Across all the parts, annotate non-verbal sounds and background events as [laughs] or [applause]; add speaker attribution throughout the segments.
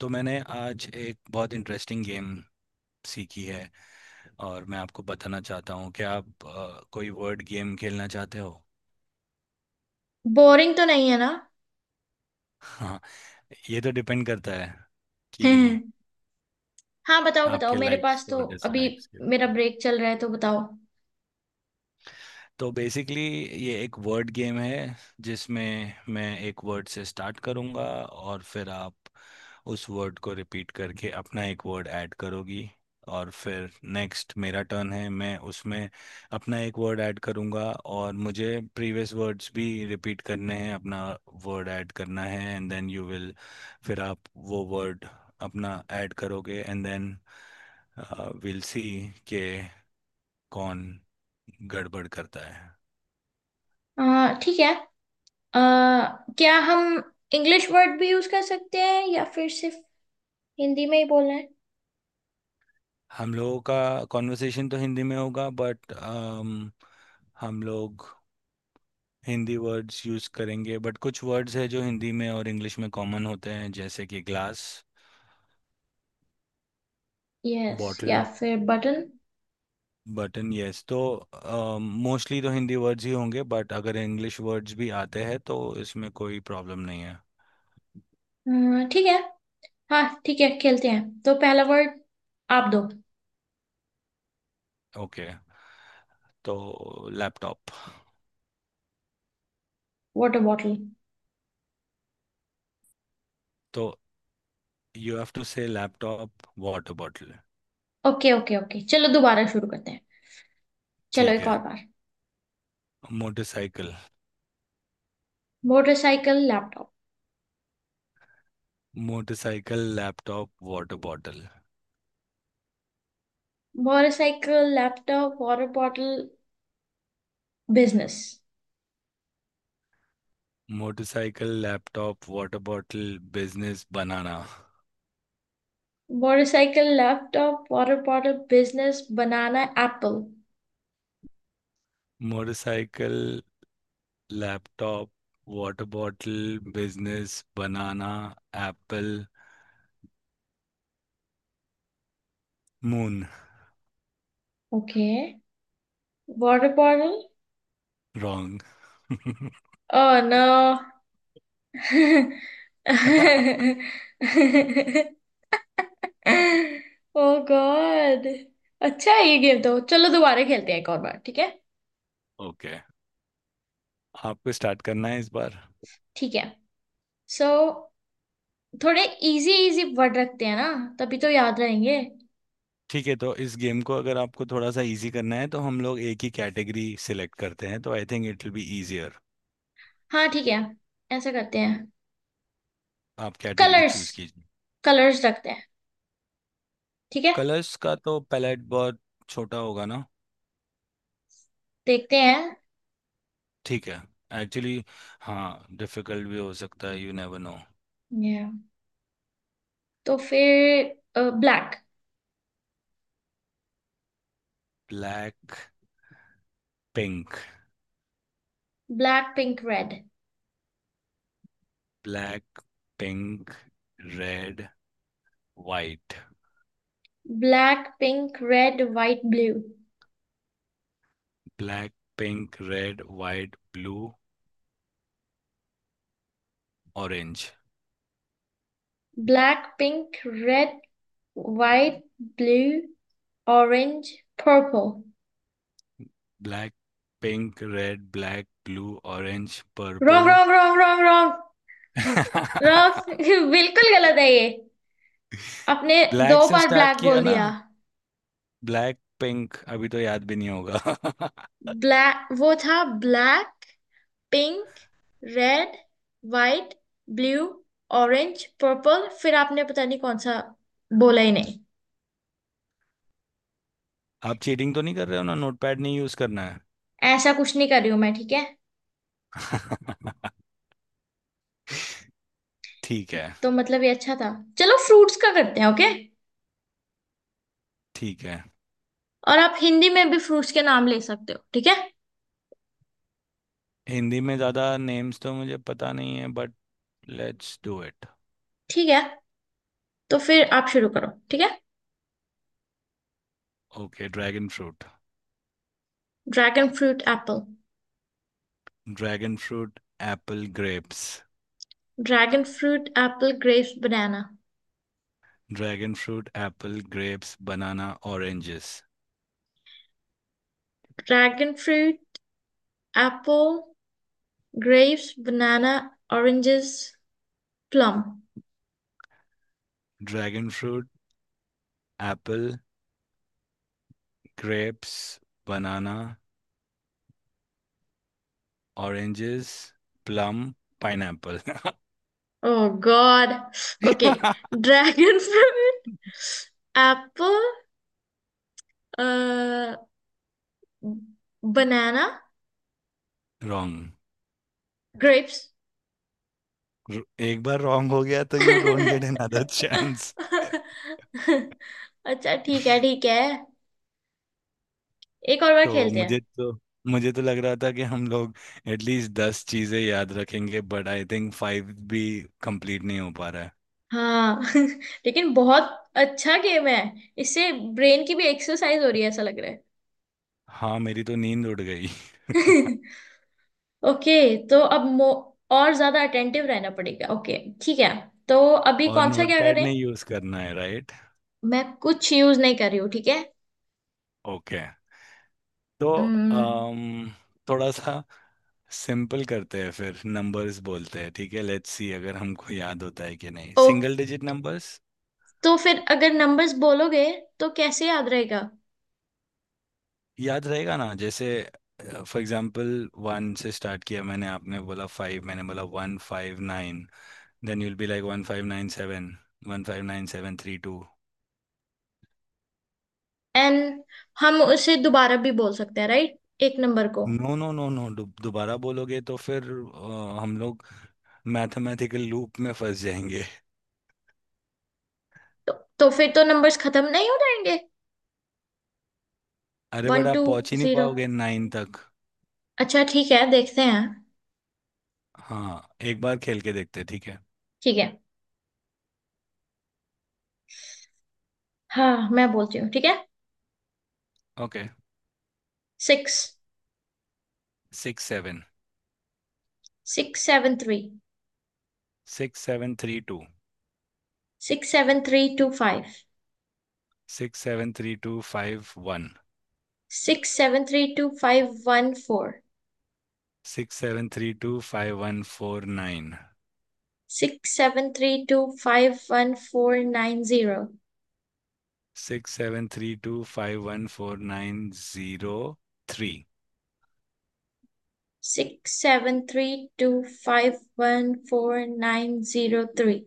Speaker 1: तो मैंने आज एक बहुत इंटरेस्टिंग गेम सीखी है और मैं आपको बताना चाहता हूँ कि आप कोई वर्ड गेम खेलना चाहते हो।
Speaker 2: बोरिंग तो नहीं है ना?
Speaker 1: हाँ, ये तो डिपेंड करता है कि
Speaker 2: [laughs] हाँ, बताओ बताओ।
Speaker 1: आपके
Speaker 2: मेरे
Speaker 1: लाइक्स
Speaker 2: पास तो
Speaker 1: और
Speaker 2: अभी
Speaker 1: डिसलाइक्स के
Speaker 2: मेरा
Speaker 1: ऊपर।
Speaker 2: ब्रेक चल रहा है, तो बताओ।
Speaker 1: तो बेसिकली ये एक वर्ड गेम है जिसमें मैं एक वर्ड से स्टार्ट करूँगा और फिर आप उस वर्ड को रिपीट करके अपना एक वर्ड ऐड करोगी। और फिर नेक्स्ट मेरा टर्न है, मैं उसमें अपना एक वर्ड ऐड करूंगा और मुझे प्रीवियस वर्ड्स भी रिपीट करने हैं, अपना वर्ड ऐड करना है एंड देन यू विल, फिर आप वो वर्ड अपना ऐड करोगे एंड देन विल सी के कौन गड़बड़ करता है।
Speaker 2: ठीक है। आ, क्या हम इंग्लिश वर्ड भी यूज कर सकते हैं या फिर सिर्फ हिंदी में ही बोलना है?
Speaker 1: हम लोगों का कॉन्वर्सेशन तो हिंदी में होगा बट हम लोग हिंदी वर्ड्स यूज़ करेंगे बट कुछ वर्ड्स है जो हिंदी में और इंग्लिश में कॉमन होते हैं जैसे कि ग्लास,
Speaker 2: यस,
Speaker 1: बॉटल,
Speaker 2: या फिर बटन।
Speaker 1: बटन। यस, तो मोस्टली तो हिंदी वर्ड्स ही होंगे बट अगर इंग्लिश वर्ड्स भी आते हैं तो इसमें कोई प्रॉब्लम नहीं है।
Speaker 2: ठीक है। हाँ ठीक है, खेलते हैं। तो पहला वर्ड आप दो।
Speaker 1: ओके, तो लैपटॉप।
Speaker 2: Water bottle.
Speaker 1: तो you have to say laptop water bottle.
Speaker 2: Okay okay okay, चलो दोबारा शुरू करते हैं। चलो
Speaker 1: ठीक
Speaker 2: एक
Speaker 1: है,
Speaker 2: और बार।
Speaker 1: Motorcycle.
Speaker 2: Motorcycle laptop.
Speaker 1: Motorcycle laptop. Water bottle
Speaker 2: motorcycle laptop water bottle business.
Speaker 1: Motorcycle laptop water bottle business banana.
Speaker 2: Motorcycle laptop water bottle business banana apple.
Speaker 1: Motorcycle laptop water bottle business banana apple moon.
Speaker 2: Okay, water bottle.
Speaker 1: Wrong.
Speaker 2: Oh no. Oh God. [laughs] अच्छा है ये game. तो चलो दोबारा खेलते हैं एक और बार, ठीक है।
Speaker 1: ओके [laughs] आपको स्टार्ट करना है इस बार।
Speaker 2: ठीक है। सो, थोड़े इजी इजी वर्ड रखते हैं ना। तभी तो याद रहेंगे।
Speaker 1: ठीक है, तो इस गेम को अगर आपको थोड़ा सा इजी करना है तो हम लोग एक ही कैटेगरी सिलेक्ट करते हैं तो I think it will be easier.
Speaker 2: हाँ ठीक है, ऐसा करते हैं।
Speaker 1: आप कैटेगरी
Speaker 2: कलर्स।
Speaker 1: चूज कीजिए।
Speaker 2: कलर्स रखते हैं, ठीक है।
Speaker 1: कलर्स का तो पैलेट बहुत छोटा होगा ना।
Speaker 2: देखते
Speaker 1: ठीक है, एक्चुअली हाँ, डिफिकल्ट भी हो सकता है, यू नेवर नो।
Speaker 2: हैं। तो फिर black.
Speaker 1: Black pink.
Speaker 2: Black pink red.
Speaker 1: Black pink red white.
Speaker 2: Black pink red white blue.
Speaker 1: Black pink red white blue orange.
Speaker 2: Black pink red white blue orange purple.
Speaker 1: Black pink red black blue orange
Speaker 2: wrong
Speaker 1: purple.
Speaker 2: Wrong wrong wrong wrong wrong! [laughs] बिल्कुल गलत है ये। आपने दो
Speaker 1: black [laughs] से
Speaker 2: बार
Speaker 1: start
Speaker 2: black
Speaker 1: किया
Speaker 2: बोल
Speaker 1: ना।
Speaker 2: दिया।
Speaker 1: ब्लैक पिंक अभी तो याद भी नहीं होगा [laughs]
Speaker 2: ब्लैक वो था। Black pink red white blue orange purple, फिर आपने पता नहीं कौन सा बोला ही नहीं।
Speaker 1: आप चीटिंग तो नहीं कर रहे हो ना, नोटपैड नहीं यूज करना है।
Speaker 2: ऐसा कुछ नहीं कर रही हूं मैं, ठीक है।
Speaker 1: [laughs] ठीक है।
Speaker 2: तो मतलब ये अच्छा था। चलो फ्रूट्स का करते हैं, ओके।
Speaker 1: ठीक है,
Speaker 2: और आप हिंदी में भी फ्रूट्स के नाम ले सकते हो, ठीक है।
Speaker 1: हिंदी में ज्यादा नेम्स तो मुझे पता नहीं है बट लेट्स डू इट।
Speaker 2: ठीक है, तो फिर आप शुरू करो, ठीक है।
Speaker 1: Okay, dragon fruit.
Speaker 2: Dragon fruit apple.
Speaker 1: Dragon fruit apple grapes.
Speaker 2: Dragon fruit apple grapes banana.
Speaker 1: Dragon fruit apple grapes banana oranges.
Speaker 2: Dragon fruit apple grapes banana oranges plum.
Speaker 1: Dragon fruit apple grapes banana oranges plum pineapple.
Speaker 2: Oh god. Okay,
Speaker 1: [laughs]
Speaker 2: dragon fruit apple banana
Speaker 1: wrong.
Speaker 2: Grapes. [laughs]
Speaker 1: एक बार wrong हो गया तो you don't get another chance.
Speaker 2: अच्छा ठीक है ठीक है, एक और बार
Speaker 1: तो
Speaker 2: खेलते हैं।
Speaker 1: मुझे तो लग रहा था कि हम लोग एटलीस्ट 10 चीजें याद रखेंगे बट आई थिंक फाइव भी कंप्लीट नहीं हो पा रहा है।
Speaker 2: हाँ। [laughs] लेकिन बहुत अच्छा गेम है, इससे ब्रेन की भी एक्सरसाइज हो रही है ऐसा लग रहा है।
Speaker 1: हाँ, मेरी तो नींद उड़ गई।
Speaker 2: [laughs] ओके, तो अब मो और ज्यादा अटेंटिव रहना पड़ेगा। ओके, ठीक है। तो अभी
Speaker 1: और
Speaker 2: कौन सा क्या
Speaker 1: नोटपैड
Speaker 2: करें?
Speaker 1: नहीं यूज करना है राइट।
Speaker 2: मैं कुछ यूज नहीं कर रही हूँ, ठीक है।
Speaker 1: ओके, तो
Speaker 2: हम्म,
Speaker 1: अम थोड़ा सा सिंपल करते हैं, फिर नंबर्स बोलते हैं। ठीक है, लेट्स सी अगर हमको याद होता है कि नहीं,
Speaker 2: ओ,
Speaker 1: सिंगल डिजिट नंबर्स।
Speaker 2: तो फिर अगर नंबर्स बोलोगे तो कैसे याद रहेगा?
Speaker 1: याद रहेगा ना, जैसे फॉर एग्जांपल वन से स्टार्ट किया मैंने, आपने बोला फाइव, मैंने बोला one five nine, then you'll be like one five nine seven, one five nine seven three two.
Speaker 2: एन हम उसे दोबारा भी बोल सकते हैं राइट, एक नंबर को?
Speaker 1: नो नो नो नो, दोबारा बोलोगे तो फिर हम लोग मैथमेटिकल लूप में फंस जाएंगे।
Speaker 2: तो, तो फिर तो नंबर्स खत्म नहीं हो जाएंगे?
Speaker 1: अरे,
Speaker 2: वन
Speaker 1: बट
Speaker 2: टू
Speaker 1: आप पहुंच ही नहीं
Speaker 2: जीरो।
Speaker 1: पाओगे नाइन तक।
Speaker 2: अच्छा ठीक है, देखते हैं।
Speaker 1: हाँ, एक बार खेल के देखते हैं, ठीक है।
Speaker 2: ठीक है। हाँ मैं बोलती हूँ, ठीक है।
Speaker 1: Okay.
Speaker 2: Six.
Speaker 1: Six seven.
Speaker 2: Six seven three.
Speaker 1: Six seven three two.
Speaker 2: Six seven three two five.
Speaker 1: Six seven three two five one.
Speaker 2: Six seven three two five one four.
Speaker 1: Six seven three two five one four nine.
Speaker 2: Six seven three two five one four nine zero.
Speaker 1: Six seven three two five one four nine zero three.
Speaker 2: Six seven three two five one four nine zero three.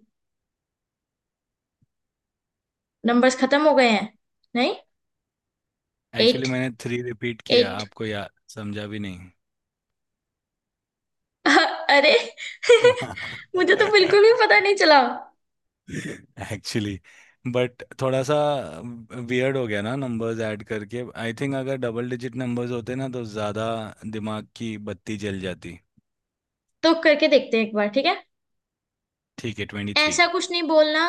Speaker 2: Numbers खत्म हो गए हैं, नहीं?
Speaker 1: Actually
Speaker 2: eight.
Speaker 1: मैंने three repeat किया,
Speaker 2: eight.
Speaker 1: आपको या समझा भी नहीं।
Speaker 2: [laughs] अरे। [laughs] मुझे तो बिल्कुल भी
Speaker 1: [laughs]
Speaker 2: पता नहीं चला।
Speaker 1: एक्चुअली बट थोड़ा सा वियर्ड हो गया ना नंबर्स ऐड करके। आई थिंक अगर डबल डिजिट नंबर्स होते ना तो ज़्यादा दिमाग की बत्ती जल जाती।
Speaker 2: तो करके देखते हैं एक बार, ठीक है।
Speaker 1: ठीक है, ट्वेंटी थ्री।
Speaker 2: ऐसा कुछ नहीं बोलना।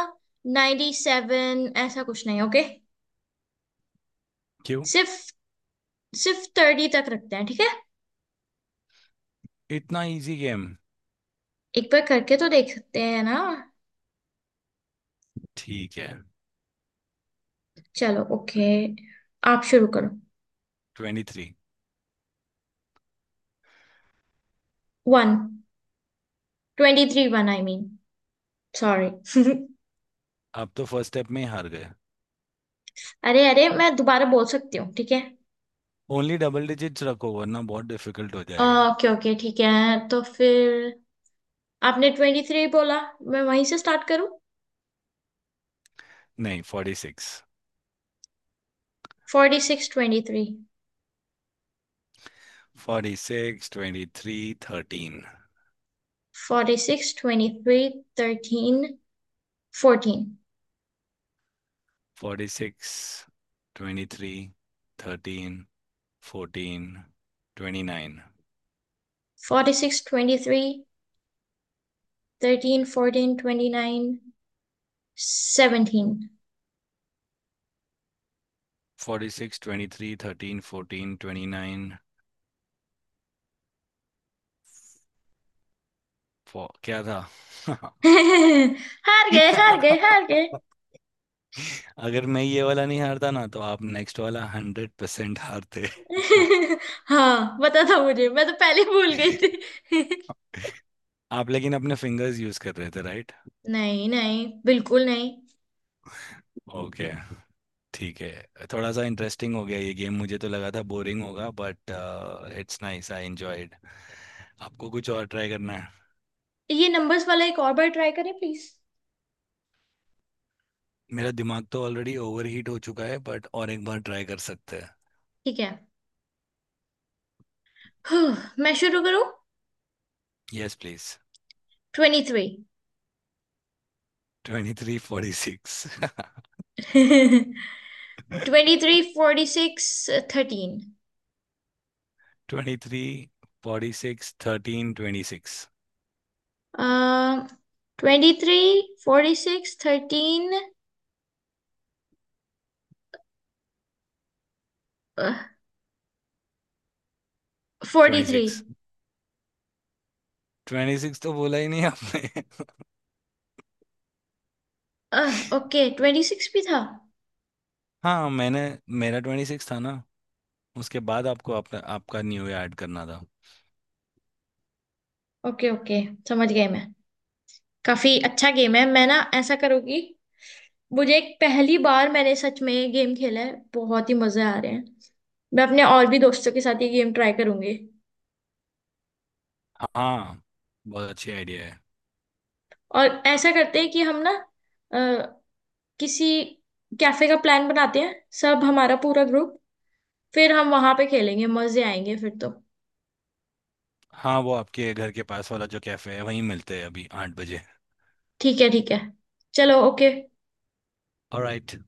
Speaker 2: 97 ऐसा कुछ नहीं, ओके।
Speaker 1: क्यों
Speaker 2: सिर्फ सिर्फ 30 तक रखते हैं, ठीक है।
Speaker 1: इतना इजी गेम।
Speaker 2: एक बार करके तो देख सकते हैं ना।
Speaker 1: ठीक है,
Speaker 2: चलो ओके, आप शुरू करो।
Speaker 1: Twenty three.
Speaker 2: One. Twenty three one, I mean, sorry. [laughs]
Speaker 1: आप तो फर्स्ट स्टेप में ही हार गए।
Speaker 2: अरे अरे, मैं दोबारा बोल सकती हूँ, ठीक है?
Speaker 1: ओनली डबल डिजिट्स रखो वरना बहुत डिफिकल्ट हो जाएगा।
Speaker 2: ओके ओके ठीक है, तो फिर आपने ट्वेंटी थ्री बोला, मैं वहीं से स्टार्ट करूं?
Speaker 1: नहीं, forty six.
Speaker 2: Forty six twenty three.
Speaker 1: Forty six twenty three thirteen.
Speaker 2: Forty six twenty three thirteen fourteen.
Speaker 1: Forty six twenty three thirteen fourteen twenty nine.
Speaker 2: Forty six twenty three thirteen fourteen twenty nine seventeen.
Speaker 1: Forty six twenty three thirteen fourteen twenty nine क्या था।
Speaker 2: [laughs] हार गए हार गए
Speaker 1: [laughs]
Speaker 2: हार गए!
Speaker 1: अगर मैं ये वाला नहीं हारता ना तो आप नेक्स्ट वाला 100% हारते।
Speaker 2: [laughs] हाँ पता था मुझे, मैं तो पहले भूल गई
Speaker 1: [laughs]
Speaker 2: थी।
Speaker 1: आप लेकिन अपने फिंगर्स यूज कर रहे थे राइट।
Speaker 2: [laughs] नहीं नहीं, बिल्कुल नहीं।
Speaker 1: ओके, ठीक है, थोड़ा सा इंटरेस्टिंग हो गया ये गेम, मुझे तो लगा था बोरिंग होगा but it's nice, I enjoyed. आपको कुछ और ट्राई करना है।
Speaker 2: ये नंबर्स वाला एक और बार ट्राई करें प्लीज।
Speaker 1: मेरा दिमाग तो ऑलरेडी ओवरहीट हो चुका है बट और एक बार ट्राई कर सकते हैं।
Speaker 2: ठीक है। [sighs] मैं शुरू करूं?
Speaker 1: Yes please.
Speaker 2: Twenty
Speaker 1: twenty three forty six.
Speaker 2: Three. [laughs] 23, 46, 13।
Speaker 1: Twenty three forty six thirteen twenty six.
Speaker 2: Um, 23, 46, 13, uh,
Speaker 1: twenty
Speaker 2: 43।
Speaker 1: Six twenty six [laughs] तो बोला ही नहीं आपने [laughs]
Speaker 2: ओके, 26 भी था।
Speaker 1: हाँ, मैंने, मेरा ट्वेंटी सिक्स था ना, उसके बाद आपको आपका आपका न्यू ईयर ऐड करना था।
Speaker 2: ओके ओके, समझ गई मैं। काफी अच्छा गेम है। मैं ना ऐसा करूंगी। मुझे एक पहली बार मैंने सच में ये गेम खेला है, बहुत ही मजे आ रहे हैं। मैं अपने और भी दोस्तों के साथ ये गेम ट्राई करूंगी।
Speaker 1: हाँ, बहुत अच्छी आइडिया है।
Speaker 2: और ऐसा करते हैं कि हम ना, अह, किसी कैफे का प्लान बनाते हैं। सब हमारा पूरा ग्रुप, फिर हम वहां पे खेलेंगे, मजे आएंगे फिर तो।
Speaker 1: हाँ, वो आपके घर के पास वाला जो कैफे है वहीं मिलते हैं अभी 8 बजे।
Speaker 2: ठीक है ठीक है, चलो ओके।
Speaker 1: ऑलराइट।